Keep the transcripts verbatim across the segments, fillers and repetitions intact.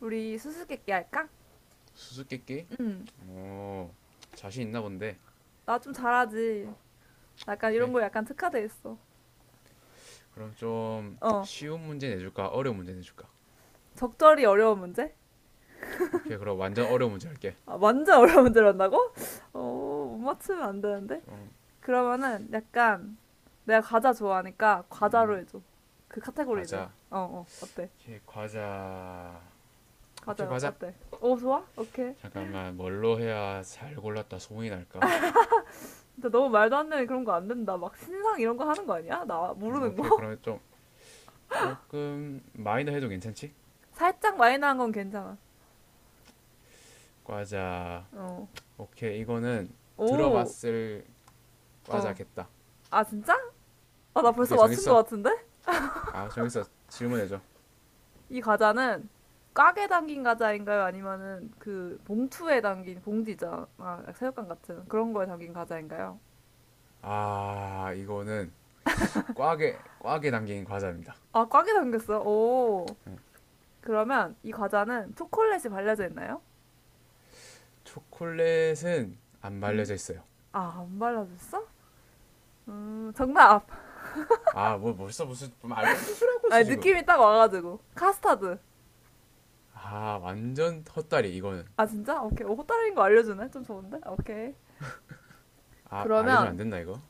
우리 수수께끼 할까? 수수께끼? 응. 오, 자신 있나 본데. 나 좀 잘하지. 약간 오케이. 이런 거 약간 특화돼 있어. 그럼 좀 어. 쉬운 문제 내줄까, 어려운 문제 내줄까? 적절히 어려운 문제? 오케이. 그럼 완전 어려운 문제 할게. 아, 완전 어려운 문제를 한다고? 어, 못 맞추면 안 되는데. 좀. 그러면은 약간 내가 과자 좋아하니까 과자로 해줘. 그 카테고리를. 과자. 어, 어. 어때? 오케이, 과자. 오케이, 과자 과자. 어때? 오, 좋아? 오케이. 잠깐만, 뭘로 해야 잘 골랐다 소문이 날까? 근데 너무 말도 안 되는 그런 거 안 된다. 막 신상 이런 거 하는 거 아니야? 나 음, 모르는 오케이. 거? 그러면 좀 조금 마이너 해도 괜찮지? 살짝 마이너한 건 괜찮아. 과자. 어. 오케이. 이거는 오. 들어봤을 어. 과자겠다. 아, 진짜? 아, 나 음, 벌써 오케이. 맞춘 거 정했어. 같은데? 아, 정했어. 질문해줘. 이 과자는 꽉에 담긴 과자인가요? 아니면은 그 봉투에 담긴 봉지잖아. 새우깡 같은 그런 거에 담긴 과자인가요? 아, 이거는 꽉에 꽉에 담긴 과자입니다. 아, 꽉에 담겼어요? 오. 그러면 이 과자는 초콜릿이 발려져 있나요? 초콜릿은 안 음. 말려져 있어요. 아, 안 발라졌어? 음, 정답. 아, 뭐 벌써 무슨 말도 안 되는 소리 하고 아, 있어 지금. 느낌이 딱 와가지고. 카스타드. 아, 완전 헛다리 이거는. 아, 진짜? 오케이. 어, 호따르인 거 알려주네? 좀 좋은데? 오케이. 아, 알려주면 그러면, 안 된다 이거.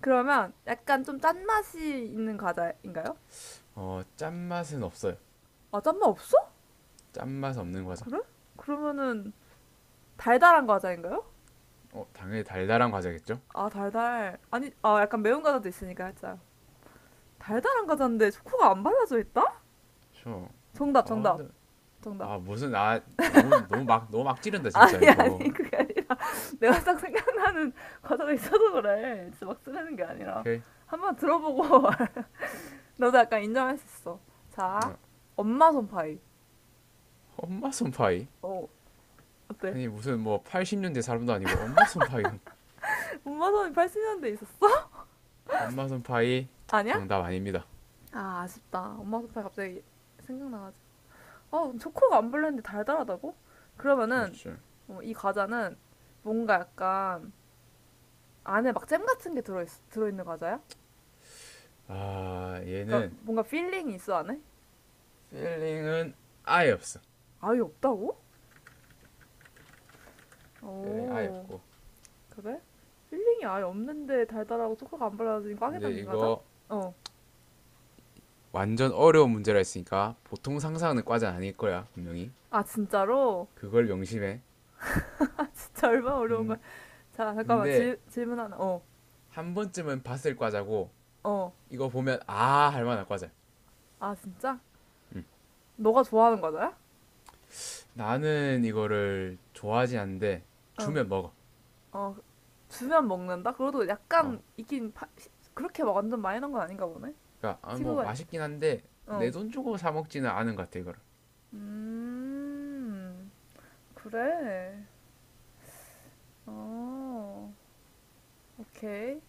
그러면 약간 좀 짠맛이 있는 과자인가요? 어, 짠맛은 없어요. 아, 짠맛 없어? 짠맛 없는 과자. 그래? 그러면은 달달한 과자인가요? 어, 당연히 달달한 과자겠죠? 아, 달달. 아니, 아, 약간 매운 과자도 있으니까 살짝. 달달한 과자인데 초코가 안 발라져 있다? 그쵸. 정답, 아, 정답, 근데 정답. 아 무슨 아 너무 너무 막 너무 막 찌른다 진짜 아니, 아니, 이거. 그게 아니라. 내가 딱 생각나는 과자가 있어서 그래. 진짜 막 쓰려는 게 아니라. 오케이. 한번 들어보고 너도 약간 인정할 수 있어. 자, 아, 엄마 손파이. 엄마 손파이. 어, 어때? 아니 무슨 뭐 팔십 년대 사람도 아니고 엄마 손파이. 엄마 손이 팔십 년대에 있었어? 엄마 손파이 아니야? 정답 아닙니다. 아, 아쉽다. 엄마 손파이 갑자기 생각나가지고. 어, 초코가 안 발랐는데 달달하다고? 그러면은 그렇죠. 어, 이 과자는 뭔가 약간 안에 막 잼 같은 게 들어있, 들어있는 과자야? 아 그러니까 얘는 뭔가 필링이 있어 안에? 필링은 아예 없어. 아예 없다고? 필링 아예 오, 없고. 그래? 필링이 아예 없는데 달달하고 초코가 안 발라진 꽉에 근데 담긴 과자? 이거 어. 완전 어려운 문제라 했으니까 보통 상상하는 과자는 아닐 거야 분명히. 아, 진짜로? 그걸 명심해. 진짜 얼마나 어려운 거야. 근, 자, 잠깐만. 근데 질, 질문 하나. 어, 한 번쯤은 봤을 과자고 어. 이거 보면 아 할 만한 과자. 아, 진짜? 너가 좋아하는 과자야? 나는 이거를 좋아하지 않는데 어. 주면 먹어. 어, 주면 먹는다? 그래도 어. 약간 있긴 파- 시- 그렇게 막 완전 많이 넣은 건 아닌가 보네. 그러니까 아, 뭐 친구가 이렇게. 맛있긴 한데 내 어. 돈 주고 사 먹지는 않은 것 같아 이거를. 음. 그래. 어. 오케이.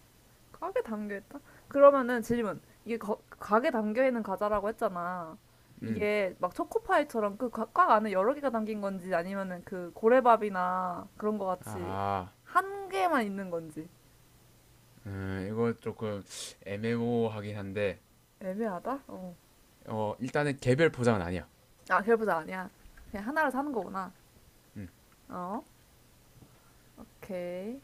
가게 담겨 있다. 그러면은 질문. 이게 거- 가게 담겨 있는 과자라고 했잖아. 음. 이게 막 초코파이처럼 그 과- 꽉 안에 여러 개가 담긴 건지 아니면은 그 고래밥이나 그런 거 같이 아. 한 개만 있는 건지 음, 이거 조금 애매모호하긴 한데 애매하다? 어. 어 일단은 개별 포장은 아니야. 아, 결부자 아니야. 그냥 하나를 사는 거구나. 어? 오케이.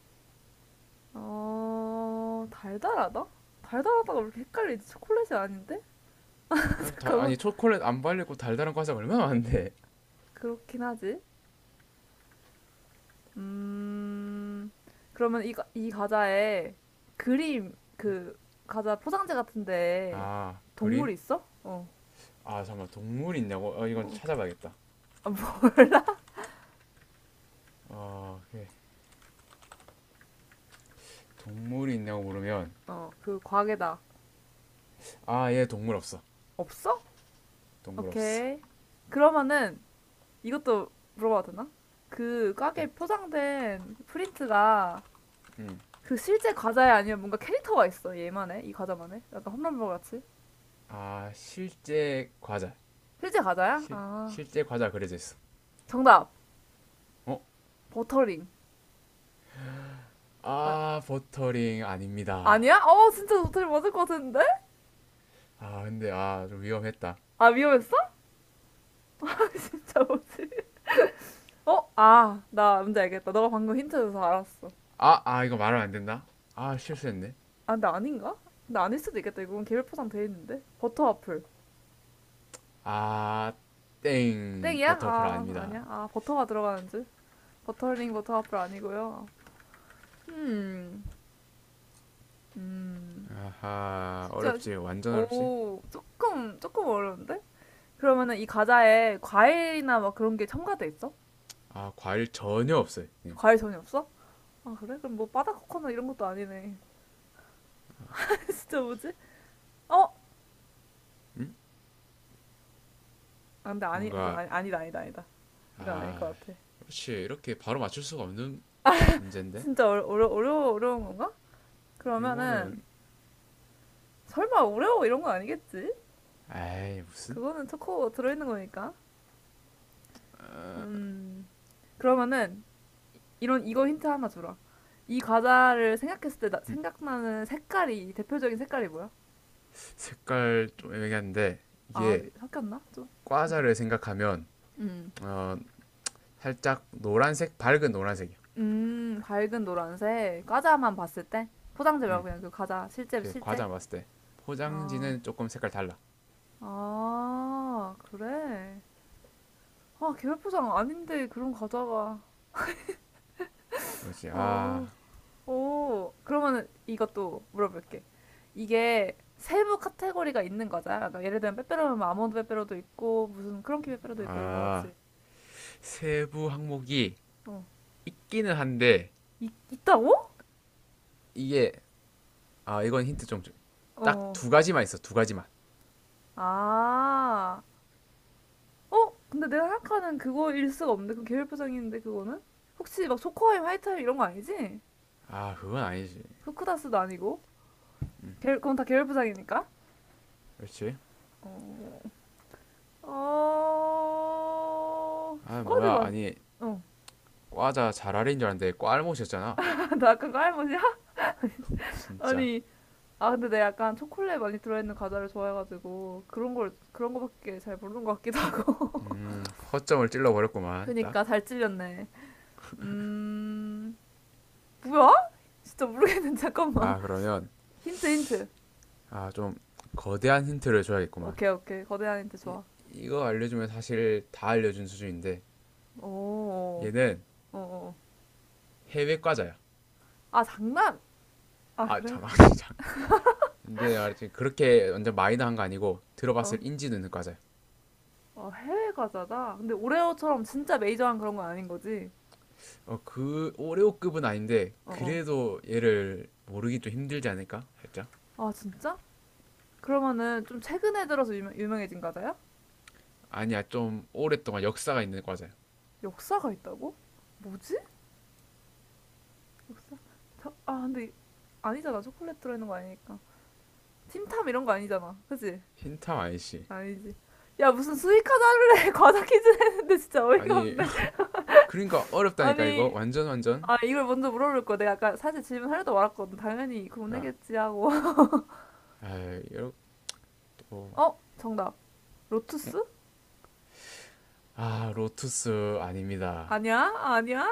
어, 달달하다? 달달하다가 왜 이렇게 헷갈리지? 초콜릿이 아닌데? 아 다- 잠깐만. 아니 초콜릿 안 발리고 달달한 과자 얼마나 많은데. 그렇긴 하지. 음, 그러면 이, 과- 이 과자에 그림, 그, 과자 포장지 같은데 아 동물 그림? 있어? 어, 아 잠깐 만 동물이 있냐고? 어 이건 어, 찾아봐야겠다. 아, 뭐, 어 예. 동물이 있냐고 물으면 어, 그 과게다. 아 얘 동물 없어. 없어? 동물 없어. 오케이. 그러면은 이것도 물어봐도 되나? 그 네. 과게 포장된 프린트가 음. 그 실제 과자야 아니면 뭔가 캐릭터가 있어 얘만의 이 과자만의 약간 홈런버 같이 아 실제 과자. 실제 과자야? 실 아 실제 과자 그려져 있어. 정답 어? 버터링 아 아 버터링 아닙니다. 아니야? 어 진짜 버터링 맞을 것 같은데? 아 근데 아 좀 위험했다. 아 위험했어? 진짜 뭐지? 어아나 뭔지 알겠다 너가 방금 힌트 줘서 알았어 아 아 이거 말하면 안 된다. 아 실수했네. 아 근데 아닌가? 근데 아닐 수도 있겠다 이건 개별 포장 돼 있는데 버터 와플 아 땡 땡이야? 버터플 아 아닙니다. 아니야 아 버터가 들어가는 줄 버터링 버터 와플 아니고요 음음 아하, 진짜 어렵지. 완전 어렵지. 오 조금 조금 어려운데? 그러면은 이 과자에 과일이나 막 그런 게 첨가돼 있어? 아, 과일 전혀 없어요. 예. 과일 전혀 없어? 아 그래? 그럼 뭐 바다 코코넛 이런 것도 아니네. 진짜 뭐지? 어? 아, 근데 아니 그건 뭔가, 아니, 아니다 아니다 아니다. 이건 아닐 아, 것 같아. 그렇지. 이렇게 바로 맞출 수가 없는 문제인데? 진짜 어려 어려 어려 어려운 건가? 그러면은 이거는, 설마 오레오 이런 건 아니겠지? 에이, 무슨? 그거는 초코 들어있는 거니까. 음 그러면은 이런 이거 힌트 하나 주라. 이 과자를 생각했을 때 나- 생각나는 색깔이 대표적인 색깔이 뭐야? 색깔 좀 애매한데, 아 이게 섞였나 좀? 과자를 생각하면, 음 어, 살짝 노란색, 밝은 노란색이요. 음, 밝은 노란색. 과자만 봤을 때? 포장지 말고 그냥 그 과자. 실제, 이게 실제. 과자 봤을 때. 아, 포장지는 조금 색깔 달라. 아, 그래. 아, 계열 포장 아닌데 그런 과자가. 뭐지? 아, 어, 오. 그러면은 이것도 물어볼게. 이게 세부 카테고리가 있는 과자야? 그러니까 예를 들면 빼빼로면 아몬드 빼빼로도 있고, 무슨 크런키 빼빼로도 있고 이런 거 아, 같이. 세부 항목이 어. 있기는 한데, 있, 있다고? 이게, 아, 이건 힌트 좀, 줘. 딱 어. 두 가지만 있어, 두 가지만. 아. 어? 근데 내가 생각하는 그거일 수가 없는데 그 계열 포장인데 그거는? 혹시 막 초코아임, 화이타임 이런 거 아니지? 아, 그건 아니지. 후크다스도 아니고 계열, 그건 다 계열 포장이니까 그렇지? 어... 어... 두 아, 가지 뭐야. 맛. 아니, 어, 과자 잘알인 줄 알았는데 꽐못이었잖아. 나 아까 그할 맛이야? 진짜. 아니, 아 근데 내가 약간 초콜릿 많이 들어있는 과자를 좋아해가지고 그런 걸 그런 거밖에 잘 모르는 것 같기도 하고. 음, 허점을 찔러버렸구만. 딱. 그니까 잘 찔렸네. 음, 뭐야? 진짜 모르겠는데 잠깐만. 아, 그러면 힌트 힌트. 아, 좀 거대한 힌트를 줘야겠구만. 오케이 오케이 거대한 힌트 좋아. 이거 알려주면 사실 다 알려준 수준인데 어, 얘는 어, 어. 해외 과자야. 아, 장난! 아, 아, 그래? 잠깐. 근데 알지 그렇게 완전 마이너한 거 아니고 어, 들어봤을 인지 드는 과자야. 어, 해외 과자다? 근데 오레오처럼 진짜 메이저한 그런 건 아닌 거지? 어, 그 오레오급은 아닌데 어, 어. 그래도 얘를 모르기 좀 힘들지 않을까? 살짝. 아, 진짜? 그러면은 좀 최근에 들어서 유명, 유명해진 과자야? 아니야, 좀 오랫동안 역사가 있는 과자야. 역사가 있다고? 뭐지? 자, 아, 근데 이- 아니잖아. 초콜릿 들어있는 거 아니니까. 틴탐 이런 거 아니잖아. 그지? 흰탑 아니씨 아니지. 야, 무슨 수익 과자를 해? 과자 퀴즈 했는데 진짜 어이가 아니 없네. 그러니까 어렵다니까 이거 아니, 완전 완전. 아, 이걸 먼저 물어볼 거. 내가 아까 사실 질문 하려다 말았거든. 당연히 그건 그러니까 내겠지 하고. 아 이렇게 뭐. 어? 정답. 로투스? 아 로투스 아닙니다. 아니야? 아니야?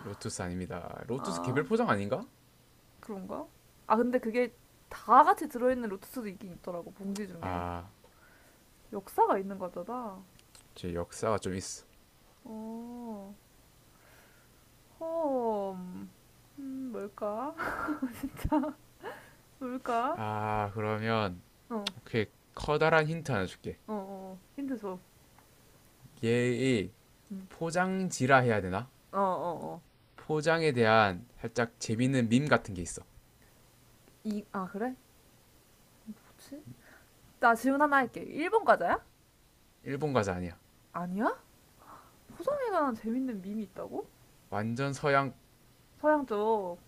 로투스 아닙니다. 로투스 아, 개별 포장 아닌가? 그런가? 아, 근데 그게 다 같이 들어있는 로투스도 있긴 있더라고, 봉지 중에. 아, 역사가 있는 거잖아. 제 역사가 좀 있어. 어, 홈 음, 뭘까? 뭘까? 아 그러면 어, 오케이 커다란 힌트 하나 줄게. 어, 어. 힌트 줘. 얘의 음. 포장지라 해야 되나? 어, 어, 어. 포장에 대한 살짝 재밌는 밈 같은 게 있어. 이, 아, 그래? 뭐지? 나 질문 하나 할게. 일본 과자야? 일본 과자 아니야. 아니야? 포장에 관한 재밌는 밈이 있다고? 완전 서양. 서양 쪽.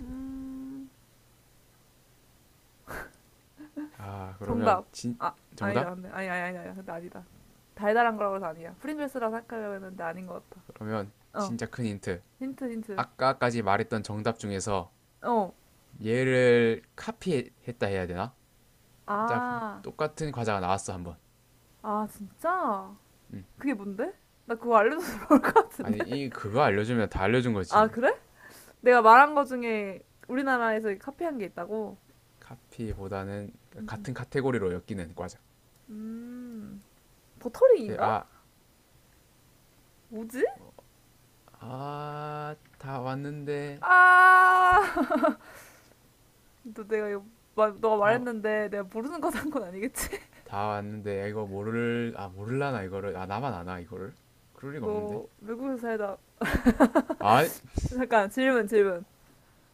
음, 아 그러면 정답. 진 아, 정답? 아니다. 근데 아니 아니 아니 아니. 근데 아니다. 달달한 거라고 해서 아니야. 프링글스라 생각하려고 했는데 아닌 것 같아. 그러면 어. 진짜 큰 힌트. 힌트 힌트. 아까까지 말했던 정답 중에서 어. 얘를 카피했다 해야 되나? 딱 아. 똑같은 과자가 나왔어 한번. 아, 진짜? 그게 뭔데? 나 그거 알려줘서 좋을 것 같은데. 아니 이 그거 알려주면 다 알려준 아, 거지. 그래? 내가 말한 거 중에 우리나라에서 카피한 게 있다고? 카피보다는 음. 같은 카테고리로 엮이는 과자. 음. 음. 버터링인가? 뭐지? 아아다 왔는데 아. 너 내가 이거 마- 너가 다 말했는데 내가 모르는 거 산 건 아니겠지? 다 왔는데 아, 이거 모를 아 모를라나 이거를 아 나만 아나 이거를 그럴 리가 없는데. 너 외국에서 살다. 아 잠깐 질문 질문.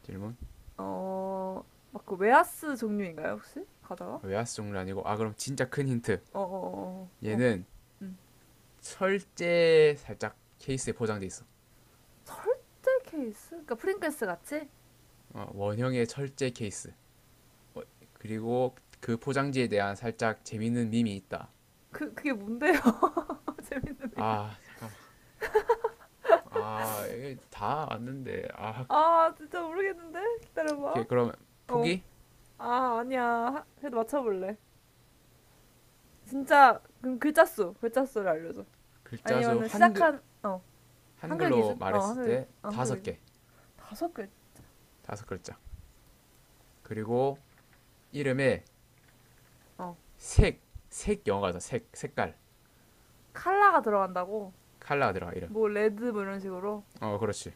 질문 어, 막 그 웨하스 종류인가요, 혹시? 과자가? 아, 외화수 종류 아니고 아 그럼 진짜 큰 힌트. 어, 어, 어, 어, 어. 얘는 음. 철제 살짝 케이스에 포장돼 있어. 절대 케이스? 그러니까 프링글스 같이? 어, 원형의 철제 케이스. 그리고 그 포장지에 대한 살짝 재밌는 밈이 있다. 그, 그게 뭔데요? 재밌는 이름. 아, 아, 이게 다 맞는데. 아, 아, 진짜 모르겠는데? 기다려봐. 오케이. 그럼 어. 포기? 아, 아니야. 하- 그래도 맞춰볼래. 진짜, 그럼 글자 수, 글자 수를 알려줘. 글자 수 아니면은 한글, 시작한, 어, 한글 한글로 기준? 어, 말했을 한글, 때 어, 한글 다섯 기준. 개. 다섯 글, 다섯 글자. 그리고 이름에 어. 색, 색 영어다. 색, 색깔. 칼라가 들어간다고? 칼라 들어가, 이름. 뭐, 레드, 뭐 이런 식으로? 어, 그렇지.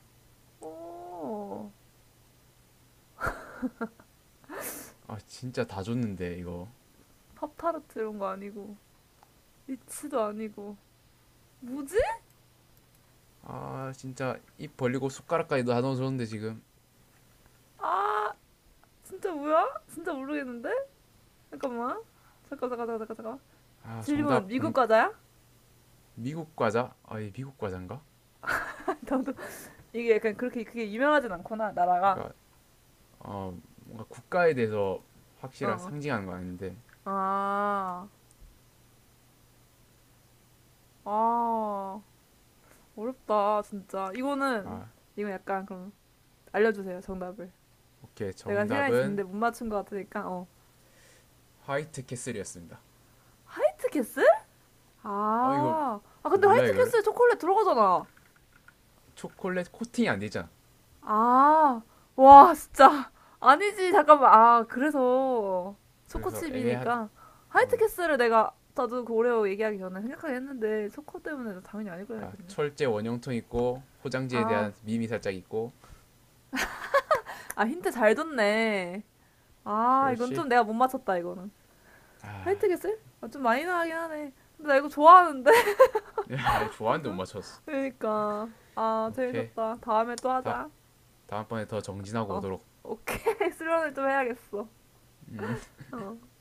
오, 아, 진짜 다 줬는데, 이거. 팝타르트 이런 거 아니고. 위치도 아니고 뭐지? 아, 진짜 입 벌리고 숟가락까지 다 넣어줬는데, 지금. 아 진짜 뭐야? 진짜 모르겠는데? 잠깐만 잠깐 잠깐 잠깐 잠깐 잠깐 아, 질문 정답 미국 공, 과자야? 미국 과자? 아, 이 미국 과자인가? 나도 이게 약간 그렇게 그게 유명하진 않구나 나라가 그러니까 어, 뭔가 국가에 대해서 확실한 상징하는 거 아닌데 어 아 아 어렵다 진짜 이거는 아 이건 약간 그럼 알려주세요 정답을 오케이 내가 시간이 정답은 지는데 못 맞춘 것 같으니까 어 화이트 캐슬이었습니다. 화이트 캐슬? 어 이거 아, 아 근데 몰라 화이트 이거를 캐슬에 초콜릿 들어가잖아 초콜릿 코팅이 안 되잖아. 아. 와 진짜. 아니지. 잠깐만. 아, 그래서 그래서 애매한 초코칩이니까 화이트캐슬을 내가 나도 그 오레오 얘기하기 전에 생각하긴 했는데 초코 때문에 당연히 아닐 거야 아, 했네. 철제 원형통 있고 포장지에 아. 대한 밈이 살짝 있고 아, 힌트 잘 줬네. 아, 이건 그렇지. 좀 내가 못 맞췄다 이거는. 아, 화이트캐슬? 아, 좀 많이 나가긴 하네. 근데 나 이거 좋아하는데. 아 좋아하는데 못 맞아. 맞췄어. 그러니까. 아, 오케이 재밌었다. 다음에 또 다 하자. 다음번에 더 정진하고 어. 오도록. 오케이. 수련을 좀 해야겠어. 음. 어.